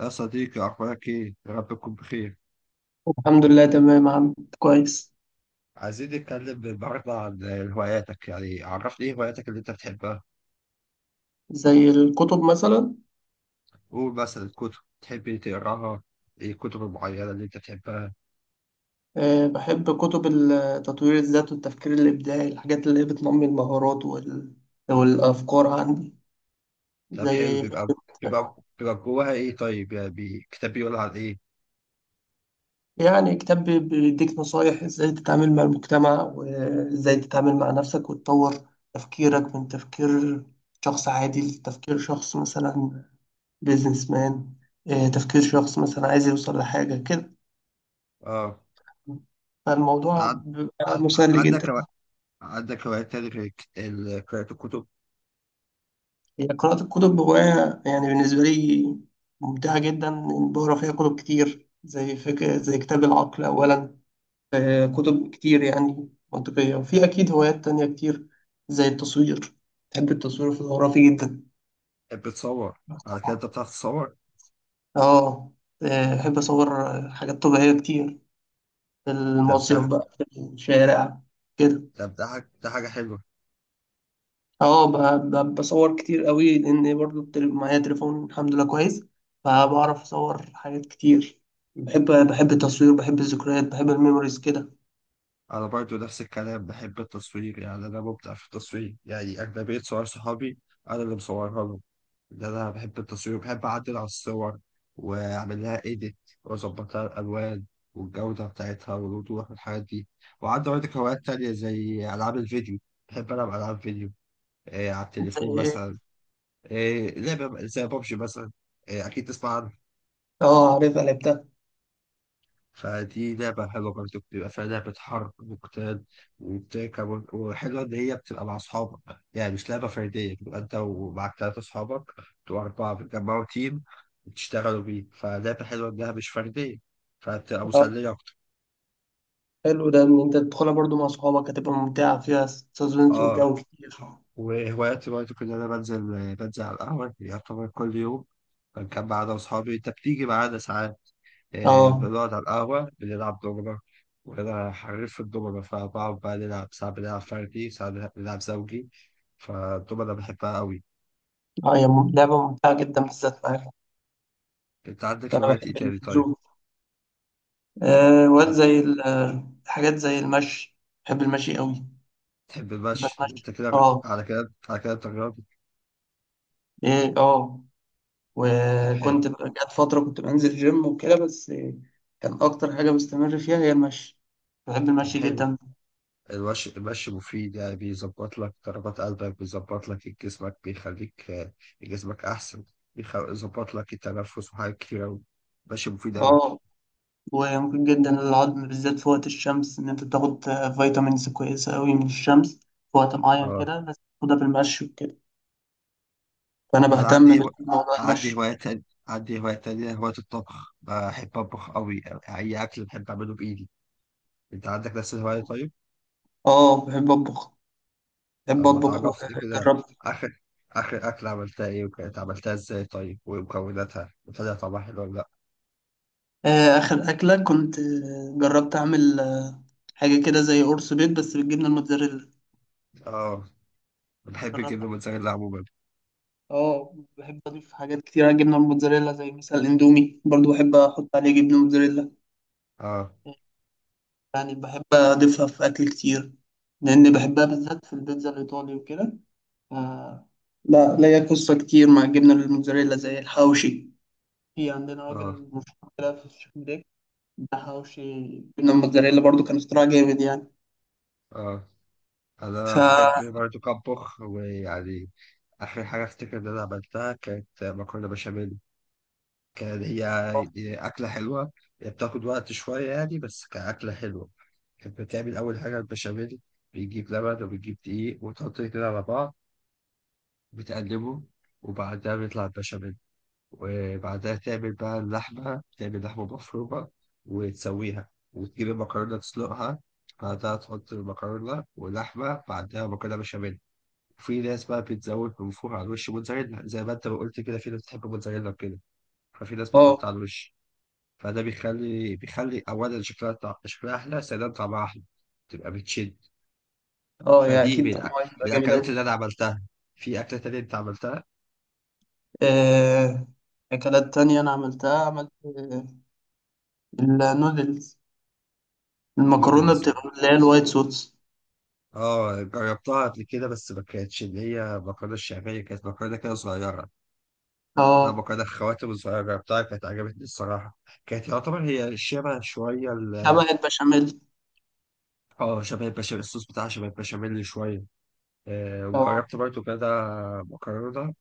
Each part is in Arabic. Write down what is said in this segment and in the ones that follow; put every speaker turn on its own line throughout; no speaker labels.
يا صديقي أخبارك إيه؟ يا رب تكون بخير،
الحمد لله تمام عم كويس.
عايزين نتكلم النهاردة عن هواياتك، يعني عرفني إيه هواياتك اللي أنت بتحبها،
زي الكتب مثلا.
قول مثلا الكتب، تحب تقراها، إيه الكتب المعينة اللي أنت بتحبها،
أه، بحب كتب تطوير الذات والتفكير الإبداعي، الحاجات اللي هي بتنمي المهارات والأفكار عندي
طب حلو
زي
بيبقى
فكرة.
بيبقى بيبقى جواها إيه طيب؟ يعني كتاب بيقول عن إيه؟
يعني كتاب بيديك نصايح إزاي تتعامل مع المجتمع وإزاي تتعامل مع نفسك وتطور تفكيرك من تفكير شخص عادي لتفكير شخص مثلا بيزنس مان. تفكير شخص مثلا عايز يوصل لحاجة كده،
آه
فالموضوع
عن-
بيبقى مسلي
عندك
جدا.
هوا- عندك هوايات تاني غير قراءة الكتب،
هي قراءة الكتب هواية يعني بالنسبة لي ممتعة جدا، إن بقرا فيها كتب كتير زي فكرة، زي كتاب العقل أولا. كتب كتير يعني منطقية، وفي أكيد هوايات تانية كتير زي التصوير. بحب التصوير الفوتوغرافي جدا.
بتصور، على كده أنت
طبعا.
بتعرف تصور؟
آه. بحب أصور حاجات طبيعية كتير في
طب
المصيف
ده
بقى في الشارع كده.
طب ده حاجة ده حاجة حلوة.
اه، بصور كتير قوي، لان برضو معايا تليفون الحمد لله كويس، فبعرف اصور حاجات كتير. بحب التصوير، بحب الذكريات، بحب الميموريز كده.
انا برضو نفس الكلام بحب التصوير، يعني انا مبدع في التصوير، يعني اغلبيه صور صحابي انا اللي مصورها لهم. انا بحب التصوير وبحب اعدل على الصور واعمل لها ايديت واظبط لها الالوان والجوده بتاعتها والوضوح والحاجات دي. وعندي برضك هوايات تانية زي العاب الفيديو، بحب العب العاب فيديو. إيه، على
زي
التليفون
ايه؟
مثلا إيه لعبه زي بابجي مثلا، إيه اكيد تسمع عنها.
اه، عارفها لعبتها.
فدي لعبة حلوة برضه، بتبقى فيها لعبة حرب وقتال وبتركب، وحلوة إن هي بتبقى مع أصحابك، يعني مش لعبة فردية، بتبقى أنت ومعك تلاتة أصحابك بتبقوا أربعة بتجمعوا تيم وتشتغلوا بيه، فلعبة حلوة إنها مش فردية، فبتبقى
اه،
مسلية أكتر.
حلو ده ان انت تدخلها برضو مع صحابك، هتبقى ممتعة فيها سسبنس
أه.
وجو كتير. اه.
وهواياتي برضه كنت أنا بنزل على القهوة يعتبر كل يوم، بنجمع أنا وأصحابي، أنت بتيجي معانا ساعات. آه،
اه،
بنقعد على القهوة بنلعب دومنة، وأنا حريف في الدومنة، فبقعد بقى نلعب ساعات، بنلعب فردي ساعات بنلعب زوجي، فالدومنة بحبها أوي.
هي لعبة ممتعة جدا بالذات معاك.
أنت عندك
فانا
هوايات إيه
بحب
تاني طيب؟
الزوم. وقت
عن-
زي حاجات زي المشي. بحب المشي قوي.
تحب المشي؟
بتمشى.
أنت كده،
اه.
على كده على كده أنت رياضي.
ايه. اه.
طب حلو.
وكنت جت فترة كنت بنزل جيم وكده، بس كان أكتر حاجة بستمر فيها هي المشي. بحب
طب
المشي
حلو.
جدا.
المشي، المشي مفيد، يعني بيظبط لك ضربات قلبك، بيظبط لك جسمك، بيخليك آه، جسمك أحسن. بيظبط لك التنفس وحاجات كتير أوي. المشي مفيد أوي.
اه، وممكن جدا للعظم بالذات في وقت الشمس إن أنت تاخد فيتامينز كويسة أوي من الشمس في وقت معين
اه.
كده، بس تاخدها بالمشي وكده، فأنا
انا
بهتم
عندي هو...
بالموضوع
عندي
المشي.
هواية تانية، هواية الطبخ، بحب أطبخ أوي، أي أكل بحب أعمله بإيدي. أنت عندك نفس الهواية طيب؟
اه، بحب أطبخ. بحب
طب ما
أطبخ
تعرفني كده،
وجربت.
آخر آخر أكلة عملتها إيه؟ وكانت عملتها إزاي طيب؟ ومكوناتها؟ وطلع طعمها حلو ولا لأ؟
آخر أكلة كنت جربت أعمل حاجة كده زي قرص بيض بس بالجبنة الموتزاريلا.
آه، بحب
جربت.
الجبنة الموتزاريلا عموما.
اه، بحب اضيف حاجات كتير على الجبنه الموتزاريلا، زي مثلا الاندومي برضو بحب احط عليه جبنه موتزاريلا.
آه.
يعني بحب اضيفها في اكل كتير، لان بحبها بالذات في البيتزا الايطالي وكده. ف- لا، ليا قصه كتير مع الجبنه الموتزاريلا زي الحواوشي. في عندنا
آه.
راجل مشهور كده في الشيخ بريك. ده حواوشي جبنه موتزاريلا برضو، كان اختراع جامد يعني.
آه،
ف
أنا
اه
بحب برضه أطبخ، ويعني آخر حاجة أفتكر إن أنا عملتها كانت مكرونة بشاميل. كان هي هي أكلة حلوة، هي بتاخد وقت شوية يعني، بس كأكلة حلوة. كانت بتعمل أول حاجة البشاميل، بيجيب لبن وبيجيب دقيق وتحط كده على بعض، بتقلبه، وبعدها بيطلع البشاميل. وبعدها تعمل بقى اللحمة، تعمل لحمة مفرومة وتسويها، وتجيب المكرونة تسلقها، بعدها تحط المكرونة ولحمة، بعدها مكرونة بشاميل. وفي ناس بقى بتزود من فوق على الوش موتزاريلا زي ما انت ما قلت كده، في ناس بتحب موتزاريلا وكده، ففي ناس بتحط
اه.
على الوش، فده بيخلي بيخلي اولا شكلها شكلها احلى، ثانيا طعمها احلى، تبقى بتشد.
يا
فدي
اكيد
من الأ-
طبعا هيبقى
من
جامد
الاكلات
اوي.
اللي انا عملتها. في اكله تانية انت عملتها،
آه، اكلات تانية انا عملتها. عملت النودلز، المكرونة
نودلز.
بتبقى اللي هي الوايت صوص.
اه، جربتها قبل كده، بس ما كانتش اللي هي مكرونه الشعبيه، كانت مكرونه كده صغيره، لا
اه،
مكرونه خواتم صغيره، جربتها كانت عجبتني الصراحه. كانت يعتبر هي شبه شويه
شبه البشاميل.
اه شبه البشاميل، الصوص بتاعها شبه البشاميل شويه. آه،
اه.
وجربت برضو كده مكرونه،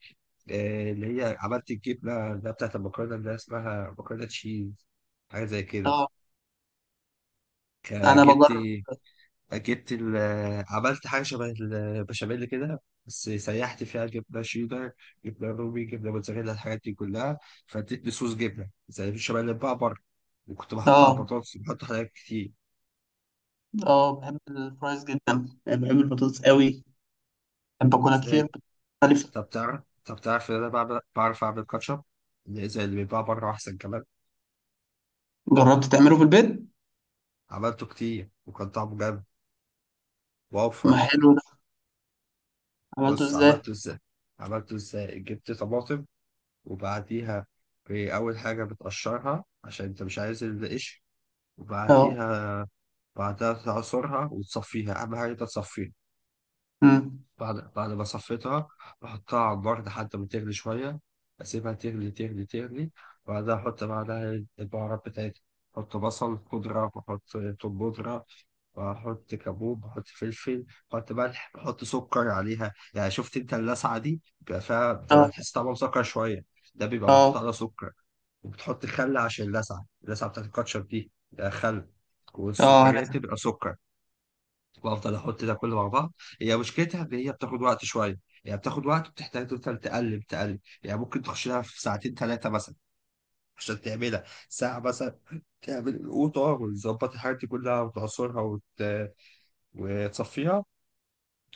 آه، اللي هي عملت الجبنة اللي هي بتاعت المكرونة اللي هي اسمها مكرونة تشيز، حاجة زي كده.
اه،
ك-
انا
جبت
بجرب.
جبت عملت حاجة شبه البشاميل كده، بس سيحت فيها جبنة شيدر، جبنة رومي، جبنة موتزاريلا، الحاجات دي كلها، فادتني صوص جبنة زي البشاميل اللي بقى بره. وكنت بحط على
اه.
البطاطس، بحط حاجات كتير
اه، بحب الفرايز جدا، يعني بحب البطاطس قوي، بحب اكلها
بس
كتير
إيه،
مختلفة.
طب تعرف إن أنا بعرف أعمل كاتشب اللي زي اللي بيتباع بره، أحسن كمان.
جربت تعمله في البيت؟
عملته كتير وكان طعمه جامد، وأوفر.
ما حلو ده. عملته
بص
ازاي؟
عملته ازاي، جبت طماطم، وبعديها في اول حاجه بتقشرها عشان انت مش عايز القشر،
اه.
وبعديها بعدها تعصرها وتصفيها، اهم حاجه انت تصفيها.
أمم.
بعد ما صفيتها بحطها على النار لحد ما تغلي شويه، اسيبها تغلي تغلي، وبعدها احط بعدها البهارات بتاعتي، احط بصل خضره واحط توم بودره، واحط كابوب، بحط فلفل، بحط ملح، بحط سكر عليها، يعني شفت انت اللسعه دي بيبقى فيها بتبقى
اه.
تحس طعمها مسكر شويه، ده بيبقى محطوط
اه.
عليها سكر. وبتحط خل عشان اللسعه، اللسعه بتاعت الكاتشب دي ده خل،
اه،
والسكريات
عارفها.
تبقى سكر. وافضل احط ده كله مع بعض. هي مشكلتها ان هي بتاخد وقت شويه، يعني بتاخد وقت وبتحتاج تفضل تقلب، يعني ممكن تخش لها في ساعتين ثلاثه مثلا عشان تعملها ساعه مثلا، تعمل القوطه وتظبط الحاجات دي كلها وتعصرها وتصفيها،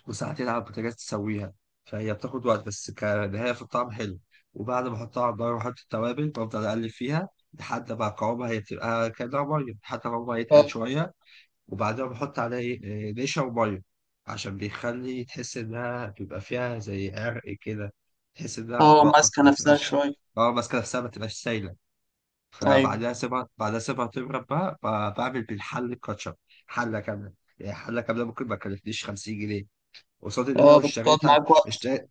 وساعتين على البوتاجاز تسويها، فهي بتاخد وقت، بس كنهاية في الطعم حلو. وبعد ما احطها على النار واحط التوابل، بفضل اقلب فيها لحد ما قوامها، هي بتبقى كأنها مية، لحد ما قوامها يتقل
اه.
شوية، وبعدها بحط عليها إيه، إيه، نشا ومية، عشان بيخلي تحس إنها بيبقى فيها زي عرق كده، تحس إنها
اه،
بتنقط
ماسكة
ما
نفسها
تبقاش.
شوية.
اه ماسكة نفسها ما تبقاش سايلة.
طيب.
فبعدها سيبها بعدها سيبها تبرد بقى، بعمل بالحل الكاتشب، حلة كاملة. يعني حلة كاملة ممكن ما تكلفنيش 50 جنيه، قصاد اللي انا لو
اه، بتقعد
اشتريتها
معاك وقت.
اشتريت،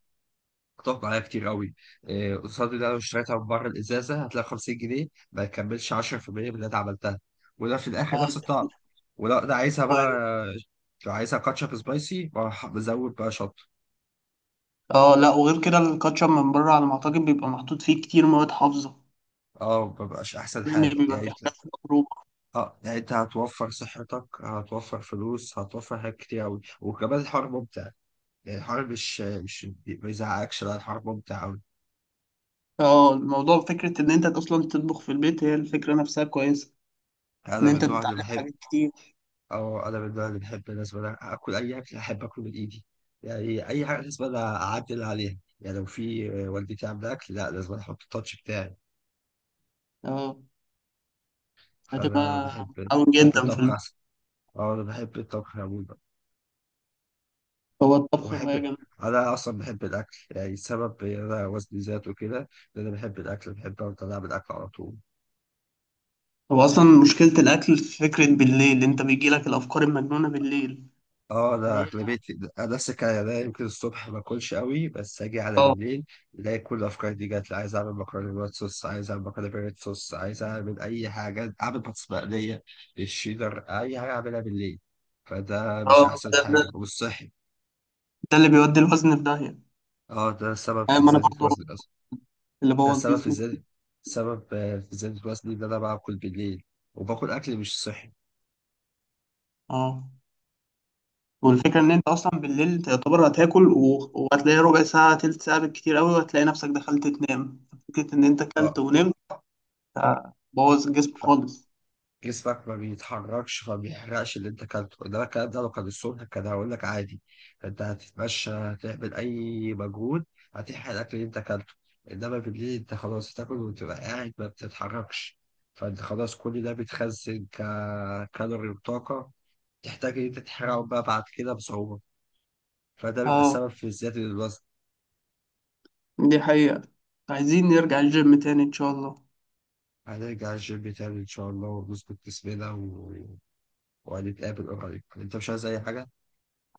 هتقف معايا كتير قوي. إيه، قصاد اللي انا لو اشتريتها من بره الازازه هتلاقي 50 جنيه ما يكملش 10% من اللي انا عملتها، وده في الاخر
اه.
نفس الطعم. ولو انا عايزها بقى،
و-
لو عايزها كاتشب سبايسي بروح بزود بقى شطه.
اه، لا وغير كده الكاتشب من بره على ما اعتقد بيبقى محطوط فيه كتير مواد حافظة،
اه مبقاش احسن
لان
حاجه
بيبقى
يعني
في
انت.
حاجات مضروبه.
اه يعني انت هتوفر صحتك، هتوفر فلوس، هتوفر حاجات كتير قوي، وكمان الحوار ممتع، يعني الحوار مش ما يزعقكش، لا الحوار ممتع قوي.
اه، الموضوع فكره ان انت اصلا تطبخ في البيت، هي الفكره نفسها كويسه، ان
انا من
انت
النوع اللي
بتتعلم
بحب
حاجات كتير.
اه انا من النوع اللي بحب لازم اكل اي اكل احب اكله من ايدي، يعني اي حاجه لازم انا اعدل عليها، يعني لو في والدتي عامله اكل، لا لازم أنا احط التاتش بتاعي.
اه.
فانا
هتبقى
بحب
متعاون
بحب
جدا في
الطبخ
البيت.
احسن. اه انا بحب الطبخ عموما.
هو الطبخ هوايه
وبحب،
جامده.
انا اصلا بحب الاكل، يعني السبب إن انا وزني زاد وكده ان انا بحب الاكل، بحب افضل اعمل اكل على طول.
هو اصلا مشكله الاكل في فكره بالليل، انت بيجي لك الافكار المجنونه بالليل.
اه ده
هي.
اغلبيتي، ده السكاية ده، يمكن الصبح ما اكلش قوي، بس اجي على
اه.
بالليل الاقي كل الافكار دي جات لي، عايز اعمل مكرونه بالوايت صوص، عايز اعمل مكرونه بالريد صوص، عايز اعمل اي حاجه، اعمل بطاطس مقليه، الشيدر، اي حاجه اعملها بالليل، فده مش
اه،
احسن حاجه، مش صحي.
ده اللي بيودي الوزن في داهيه.
اه ده سبب في
ما انا
زياده
برضه
وزني اصلا.
اللي
ده
بوظ
سبب في
جسمي.
زياده سبب آه، في زياده وزني ان انا باكل بالليل، وباكل اكل مش صحي.
اه، والفكرة إن أنت أصلا بالليل تعتبر هتاكل وهتلاقي ربع ساعة تلت ساعة بالكتير أوي، وهتلاقي نفسك دخلت تنام، فكرة إن أنت أكلت
اه،
ونمت. بوظ الجسم خالص.
جسمك ما بيتحركش، فما بيحرقش اللي انت كلته، انما الكلام ده لو كان الصبح كان هقول لك عادي، انت هتتمشى، هتعمل اي مجهود، هتحرق الاكل اللي انت كلته، انما بالليل انت خلاص تاكل وتبقى قاعد ما بتتحركش، فانت خلاص كل ده بيتخزن ككالوري وطاقة، تحتاج ان انت تحرقه بقى بعد كده بصعوبة، فده بيبقى
اه،
السبب في زيادة الوزن.
دي حقيقة. عايزين نرجع الجيم تاني إن شاء الله.
هنرجع الجيم تاني إن شاء الله، ونظبط جسمنا وهنتقابل قريب. أنت مش عايز أي حاجة؟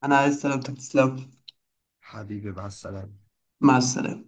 أنا عايز سلامتك تسلم.
حبيبي مع السلامة.
مع السلامة.